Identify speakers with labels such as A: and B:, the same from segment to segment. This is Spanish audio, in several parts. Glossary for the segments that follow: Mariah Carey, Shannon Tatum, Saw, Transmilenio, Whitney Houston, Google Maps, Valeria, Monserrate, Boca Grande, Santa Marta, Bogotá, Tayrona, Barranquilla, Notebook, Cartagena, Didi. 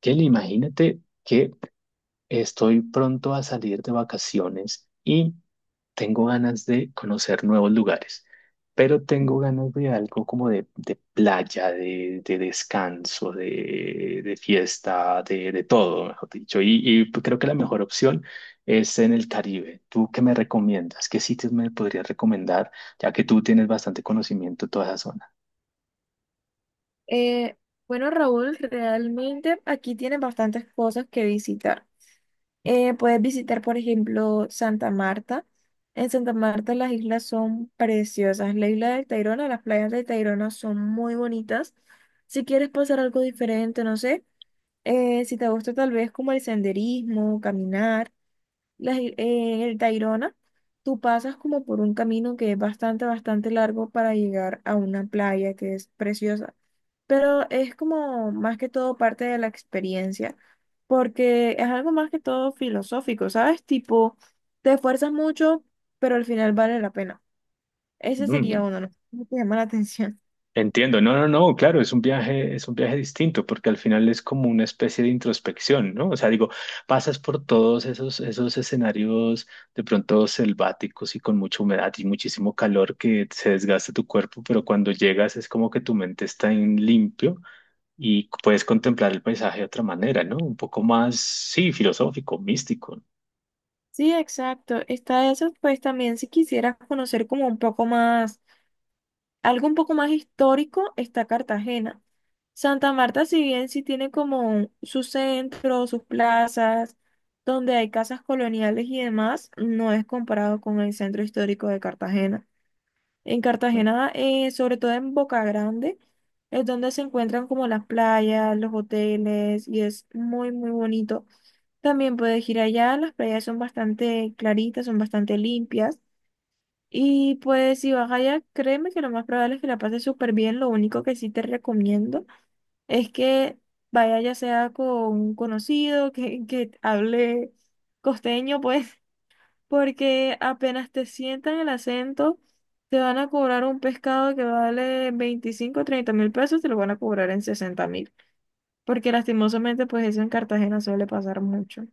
A: Kelly, imagínate que estoy pronto a salir de vacaciones y tengo ganas de conocer nuevos lugares, pero tengo ganas de algo como de playa, de descanso, de fiesta, de todo, mejor dicho. Y creo que la mejor opción es en el Caribe. ¿Tú qué me recomiendas? ¿Qué sitios me podrías recomendar, ya que tú tienes bastante conocimiento de toda esa zona?
B: Eh, bueno, Raúl, realmente aquí tienes bastantes cosas que visitar. Puedes visitar, por ejemplo, Santa Marta. En Santa Marta las islas son preciosas. La isla de Tayrona, las playas de Tayrona son muy bonitas. Si quieres pasar algo diferente, no sé, si te gusta tal vez como el senderismo, caminar, en el Tayrona, tú pasas como por un camino que es bastante, bastante largo para llegar a una playa que es preciosa. Pero es como más que todo parte de la experiencia, porque es algo más que todo filosófico, ¿sabes? Tipo, te esfuerzas mucho, pero al final vale la pena. Ese sería
A: Ujú.
B: uno, ¿no? ¿Cómo te llama la atención?
A: Entiendo, no, no, no, claro, es un viaje distinto, porque al final es como una especie de introspección, ¿no? O sea, digo, pasas por todos esos escenarios de pronto selváticos y con mucha humedad y muchísimo calor que se desgasta tu cuerpo, pero cuando llegas es como que tu mente está en limpio y puedes contemplar el paisaje de otra manera, ¿no? Un poco más, sí, filosófico, místico.
B: Sí, exacto. Está eso, pues también si quisieras conocer como un poco más. Algo un poco más histórico está Cartagena. Santa Marta, si bien sí tiene como su centro, sus plazas, donde hay casas coloniales y demás, no es comparado con el centro histórico de Cartagena. En Cartagena, sobre todo en Boca Grande, es donde se encuentran como las playas, los hoteles y es muy, muy bonito. También puedes ir allá, las playas son bastante claritas, son bastante limpias. Y pues si vas allá, créeme que lo más probable es que la pases súper bien. Lo único que sí te recomiendo es que vaya ya sea con un conocido, que hable costeño, pues, porque apenas te sientan el acento, te van a cobrar un pescado que vale veinticinco o 30 mil pesos, te lo van a cobrar en 60 mil. Porque lastimosamente, pues eso en Cartagena suele pasar mucho.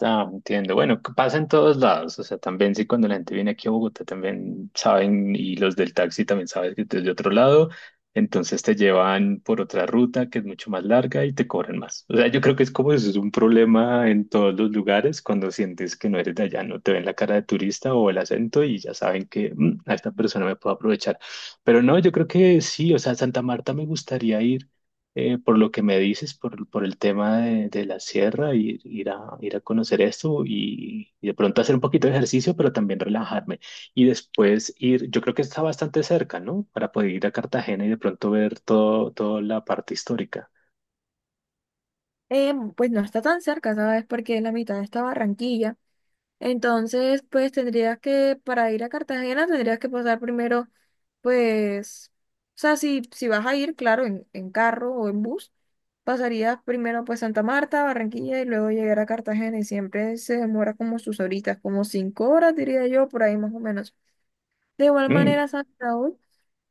A: Ah, entiendo. Bueno, que pasa en todos lados. O sea, también sí, cuando la gente viene aquí a Bogotá, también saben, y los del taxi también saben que es de otro lado. Entonces te llevan por otra ruta que es mucho más larga y te cobran más. O sea, yo creo que es como eso, es un problema en todos los lugares cuando sientes que no eres de allá, no te ven la cara de turista o el acento y ya saben que "Mm, a esta persona me puedo aprovechar". Pero no, yo creo que sí, o sea, Santa Marta me gustaría ir por lo que me dices, por el tema de la sierra, ir, ir a conocer esto y de pronto hacer un poquito de ejercicio, pero también relajarme. Y después ir, yo creo que está bastante cerca, ¿no? Para poder ir a Cartagena y de pronto ver todo, toda la parte histórica.
B: Pues no está tan cerca, ¿sabes? Porque la mitad está Barranquilla. Entonces, pues tendrías que, para ir a Cartagena, tendrías que pasar primero, pues, o sea, si vas a ir, claro, en carro o en bus, pasarías primero pues Santa Marta, Barranquilla y luego llegar a Cartagena y siempre se demora como sus horitas, como 5 horas, diría yo, por ahí más o menos. De igual
A: Mm.
B: manera, San Raúl,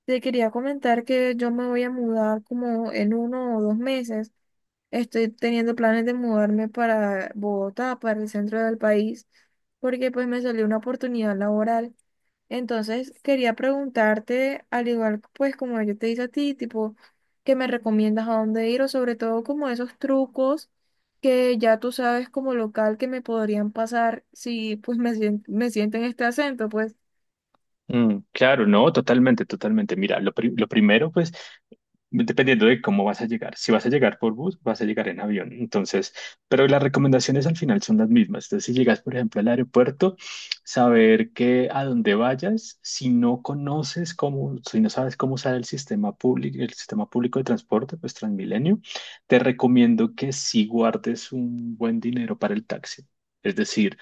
B: te quería comentar que yo me voy a mudar como en 1 o 2 meses. Estoy teniendo planes de mudarme para Bogotá, para el centro del país, porque pues me salió una oportunidad laboral. Entonces quería preguntarte, al igual pues como yo te hice a ti, tipo, ¿qué me recomiendas a dónde ir o sobre todo como esos trucos que ya tú sabes como local que me podrían pasar si pues me siento en este acento, pues
A: Mm, claro, no, totalmente, totalmente. Mira, lo primero, pues, dependiendo de cómo vas a llegar. Si vas a llegar por bus, vas a llegar en avión. Entonces, pero las recomendaciones al final son las mismas. Entonces, si llegas, por ejemplo, al aeropuerto, saber que a donde vayas, si no conoces cómo, si no sabes cómo usar el sistema público de transporte, pues Transmilenio, te recomiendo que sí guardes un buen dinero para el taxi. Es decir,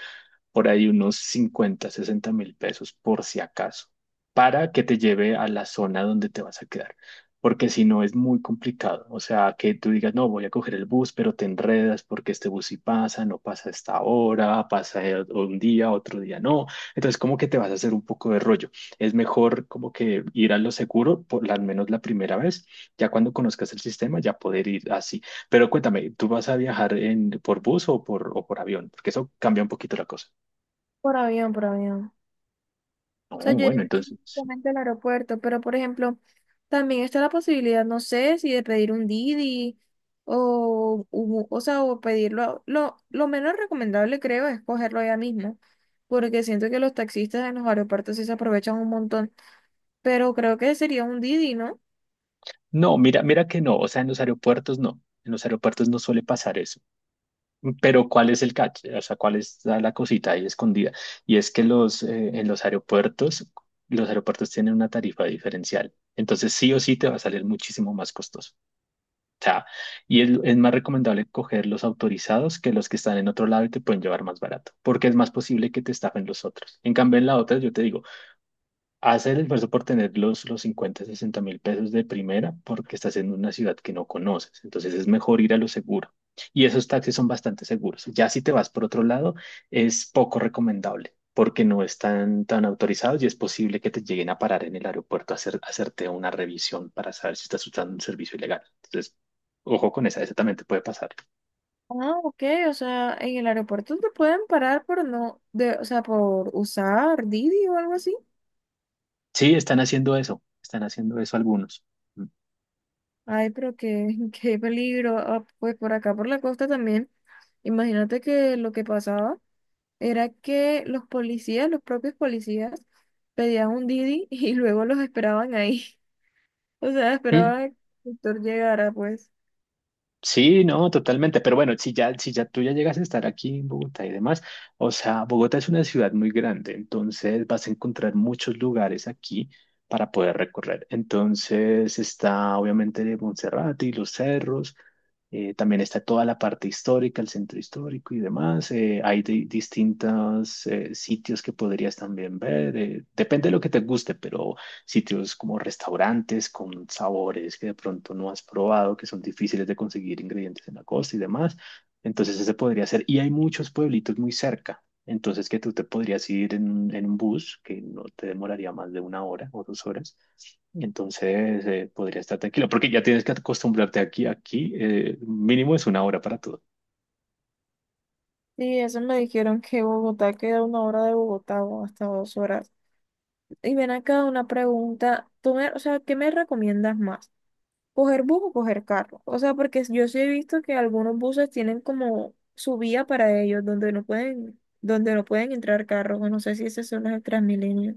A: por ahí unos 50 60 mil pesos por si acaso, para que te lleve a la zona donde te vas a quedar. Porque si no es muy complicado. O sea, que tú digas, no, voy a coger el bus, pero te enredas porque este bus sí pasa, no pasa a esta hora, pasa un día, otro día no. Entonces, como que te vas a hacer un poco de rollo. Es mejor como que ir a lo seguro, por al menos la primera vez. Ya cuando conozcas el sistema, ya poder ir así. Pero cuéntame, ¿tú vas a viajar en, por bus o por avión? Porque eso cambia un poquito la cosa.
B: por avión, por avión. Sea,
A: Oh,
B: yo
A: bueno,
B: llegué
A: entonces,
B: directamente al aeropuerto, pero por ejemplo, también está la posibilidad, no sé, si de pedir un Didi o, o sea, o pedirlo. Lo menos recomendable, creo, es cogerlo ya mismo, porque siento que los taxistas en los aeropuertos sí se aprovechan un montón, pero creo que sería un Didi, ¿no?
A: no, mira, mira que no, o sea, en los aeropuertos no, en los aeropuertos no suele pasar eso, pero ¿cuál es el catch? O sea, ¿cuál es la, la cosita ahí escondida? Y es que los, en los aeropuertos tienen una tarifa diferencial, entonces sí o sí te va a salir muchísimo más costoso, o sea, y es más recomendable coger los autorizados que los que están en otro lado y te pueden llevar más barato, porque es más posible que te estafen los otros. En cambio, en la otra, yo te digo, haz el esfuerzo por tener los, 50, 60 mil pesos de primera porque estás en una ciudad que no conoces. Entonces es mejor ir a lo seguro. Y esos taxis son bastante seguros. Ya si te vas por otro lado, es poco recomendable porque no están tan autorizados y es posible que te lleguen a parar en el aeropuerto a hacer, a hacerte una revisión para saber si estás usando un servicio ilegal. Entonces, ojo con esa, esa también te puede pasar.
B: Ah, ok, o sea, en el aeropuerto te pueden parar por no, de, o sea, por usar Didi o algo así.
A: Sí, están haciendo eso. Están haciendo eso algunos.
B: Ay, pero qué, qué peligro. Ah, pues por acá, por la costa también. Imagínate que lo que pasaba era que los policías, los propios policías, pedían un Didi y luego los esperaban ahí. O sea,
A: Mm.
B: esperaban a que el doctor llegara, pues.
A: Sí, no, totalmente. Pero bueno, si ya, si ya tú ya llegas a estar aquí en Bogotá y demás, o sea, Bogotá es una ciudad muy grande, entonces vas a encontrar muchos lugares aquí para poder recorrer. Entonces está obviamente Monserrate y los cerros, también está toda la parte histórica, el centro histórico y demás. Hay distintos sitios que podrías también ver, depende de lo que te guste, pero sitios como restaurantes con sabores que de pronto no has probado, que son difíciles de conseguir ingredientes en la costa y demás. Entonces ese podría ser. Y hay muchos pueblitos muy cerca. Entonces que tú te podrías ir en un bus que no te demoraría más de una hora o 2 horas. Entonces podría estar tranquilo porque ya tienes que acostumbrarte aquí. Aquí mínimo es una hora para todo.
B: Y eso me dijeron que Bogotá queda 1 hora de Bogotá o hasta 2 horas. Y ven acá una pregunta. O sea, ¿qué me recomiendas más? ¿Coger bus o coger carro? O sea, porque yo sí he visto que algunos buses tienen como su vía para ellos, donde no pueden entrar carros. O no sé si esos son los del Transmilenio.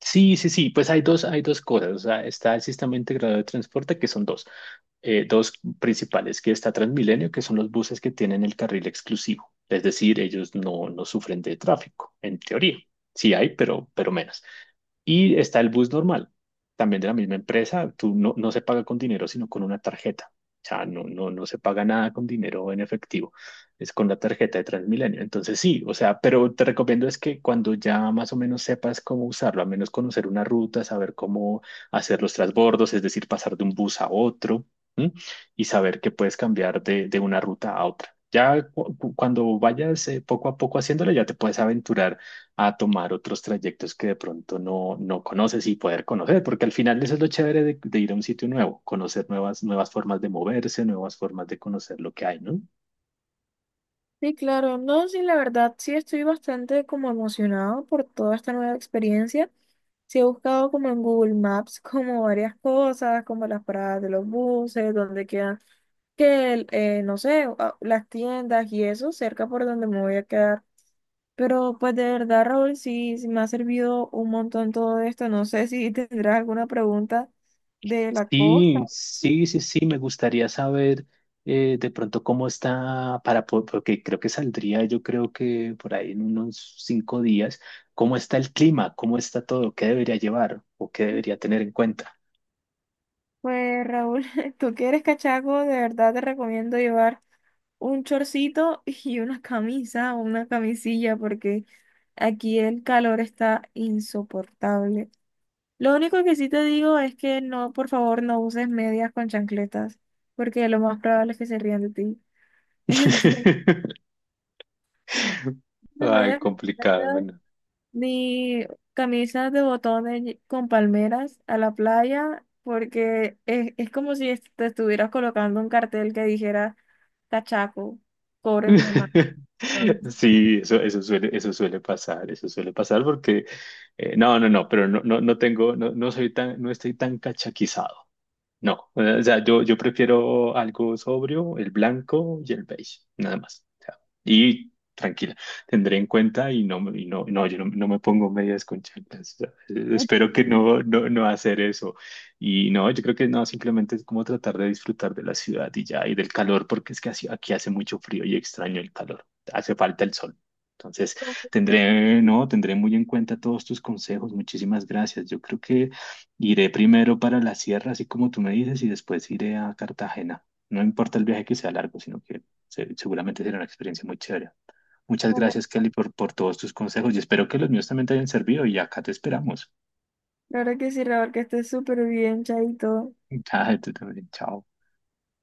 A: Sí, sí, sí, pues hay dos cosas. O sea, está el sistema integrado de transporte, que son dos principales, que está Transmilenio, que son los buses que tienen el carril exclusivo. Es decir, ellos no, no sufren de tráfico, en teoría. Sí hay, pero menos. Y está el bus normal, también de la misma empresa. Tú no, no se paga con dinero, sino con una tarjeta. O sea, no, no, no se paga nada con dinero en efectivo. Es con la tarjeta de Transmilenio. Entonces sí, o sea, pero te recomiendo es que cuando ya más o menos sepas cómo usarlo, al menos conocer una ruta, saber cómo hacer los transbordos, es decir, pasar de un bus a otro, ¿m? Y saber que puedes cambiar de una ruta a otra. Ya cuando vayas poco a poco haciéndolo, ya te puedes aventurar a tomar otros trayectos que de pronto no, no conoces y poder conocer, porque al final eso es lo chévere de ir a un sitio nuevo, conocer nuevas, nuevas formas de moverse, nuevas formas de conocer lo que hay, ¿no?
B: Sí, claro, no, sí, la verdad, sí estoy bastante como emocionado por toda esta nueva experiencia. Sí he buscado como en Google Maps como varias cosas, como las paradas de los buses, donde quedan, que, el, no sé, las tiendas y eso, cerca por donde me voy a quedar. Pero pues de verdad, Raúl, sí, sí me ha servido un montón todo esto. No sé si tendrás alguna pregunta de la costa.
A: Sí,
B: ¿Sí?
A: sí, sí, sí, me gustaría saber de pronto cómo está para, porque creo que saldría, yo creo que por ahí en unos 5 días, cómo está el clima, cómo está todo, qué debería llevar o qué
B: Sí.
A: debería tener en cuenta.
B: Pues Raúl, tú que eres cachaco, de verdad te recomiendo llevar un chorcito y una camisa o una camisilla porque aquí el calor está insoportable. Lo único que sí te digo es que no, por favor, no uses medias con chancletas porque lo más probable es que se rían de ti. Entonces, las
A: Ay,
B: medias con
A: complicado.
B: chancletas,
A: Bueno.
B: ni camisas de botones con palmeras a la playa porque es como si te estuvieras colocando un cartel que dijera, cachaco, cóbrenme más. Entonces,
A: Sí, eso suele pasar porque no, no, no, pero no, no, no tengo, no, no soy tan, no estoy tan cachaquizado. No, o sea, yo prefiero algo sobrio, el blanco y el beige, nada más. O sea, y tranquila, tendré en cuenta y no, y no, no, yo no, no me pongo medias con chanclas. O sea, espero que no, no, no hacer eso. Y no, yo creo que no, simplemente es como tratar de disfrutar de la ciudad y ya, y del calor, porque es que aquí hace mucho frío y extraño el calor. Hace falta el sol. Entonces, tendré, no, tendré muy en cuenta todos tus consejos. Muchísimas gracias. Yo creo que iré primero para la sierra, así como tú me dices, y después iré a Cartagena. No importa el viaje que sea largo, sino que seguramente será una experiencia muy chévere. Muchas gracias, Kelly, por todos tus consejos y espero que los míos también te hayan servido y acá te esperamos.
B: la verdad que sí, Raúl, que estés súper bien, chaito.
A: Ah, tú también, chao.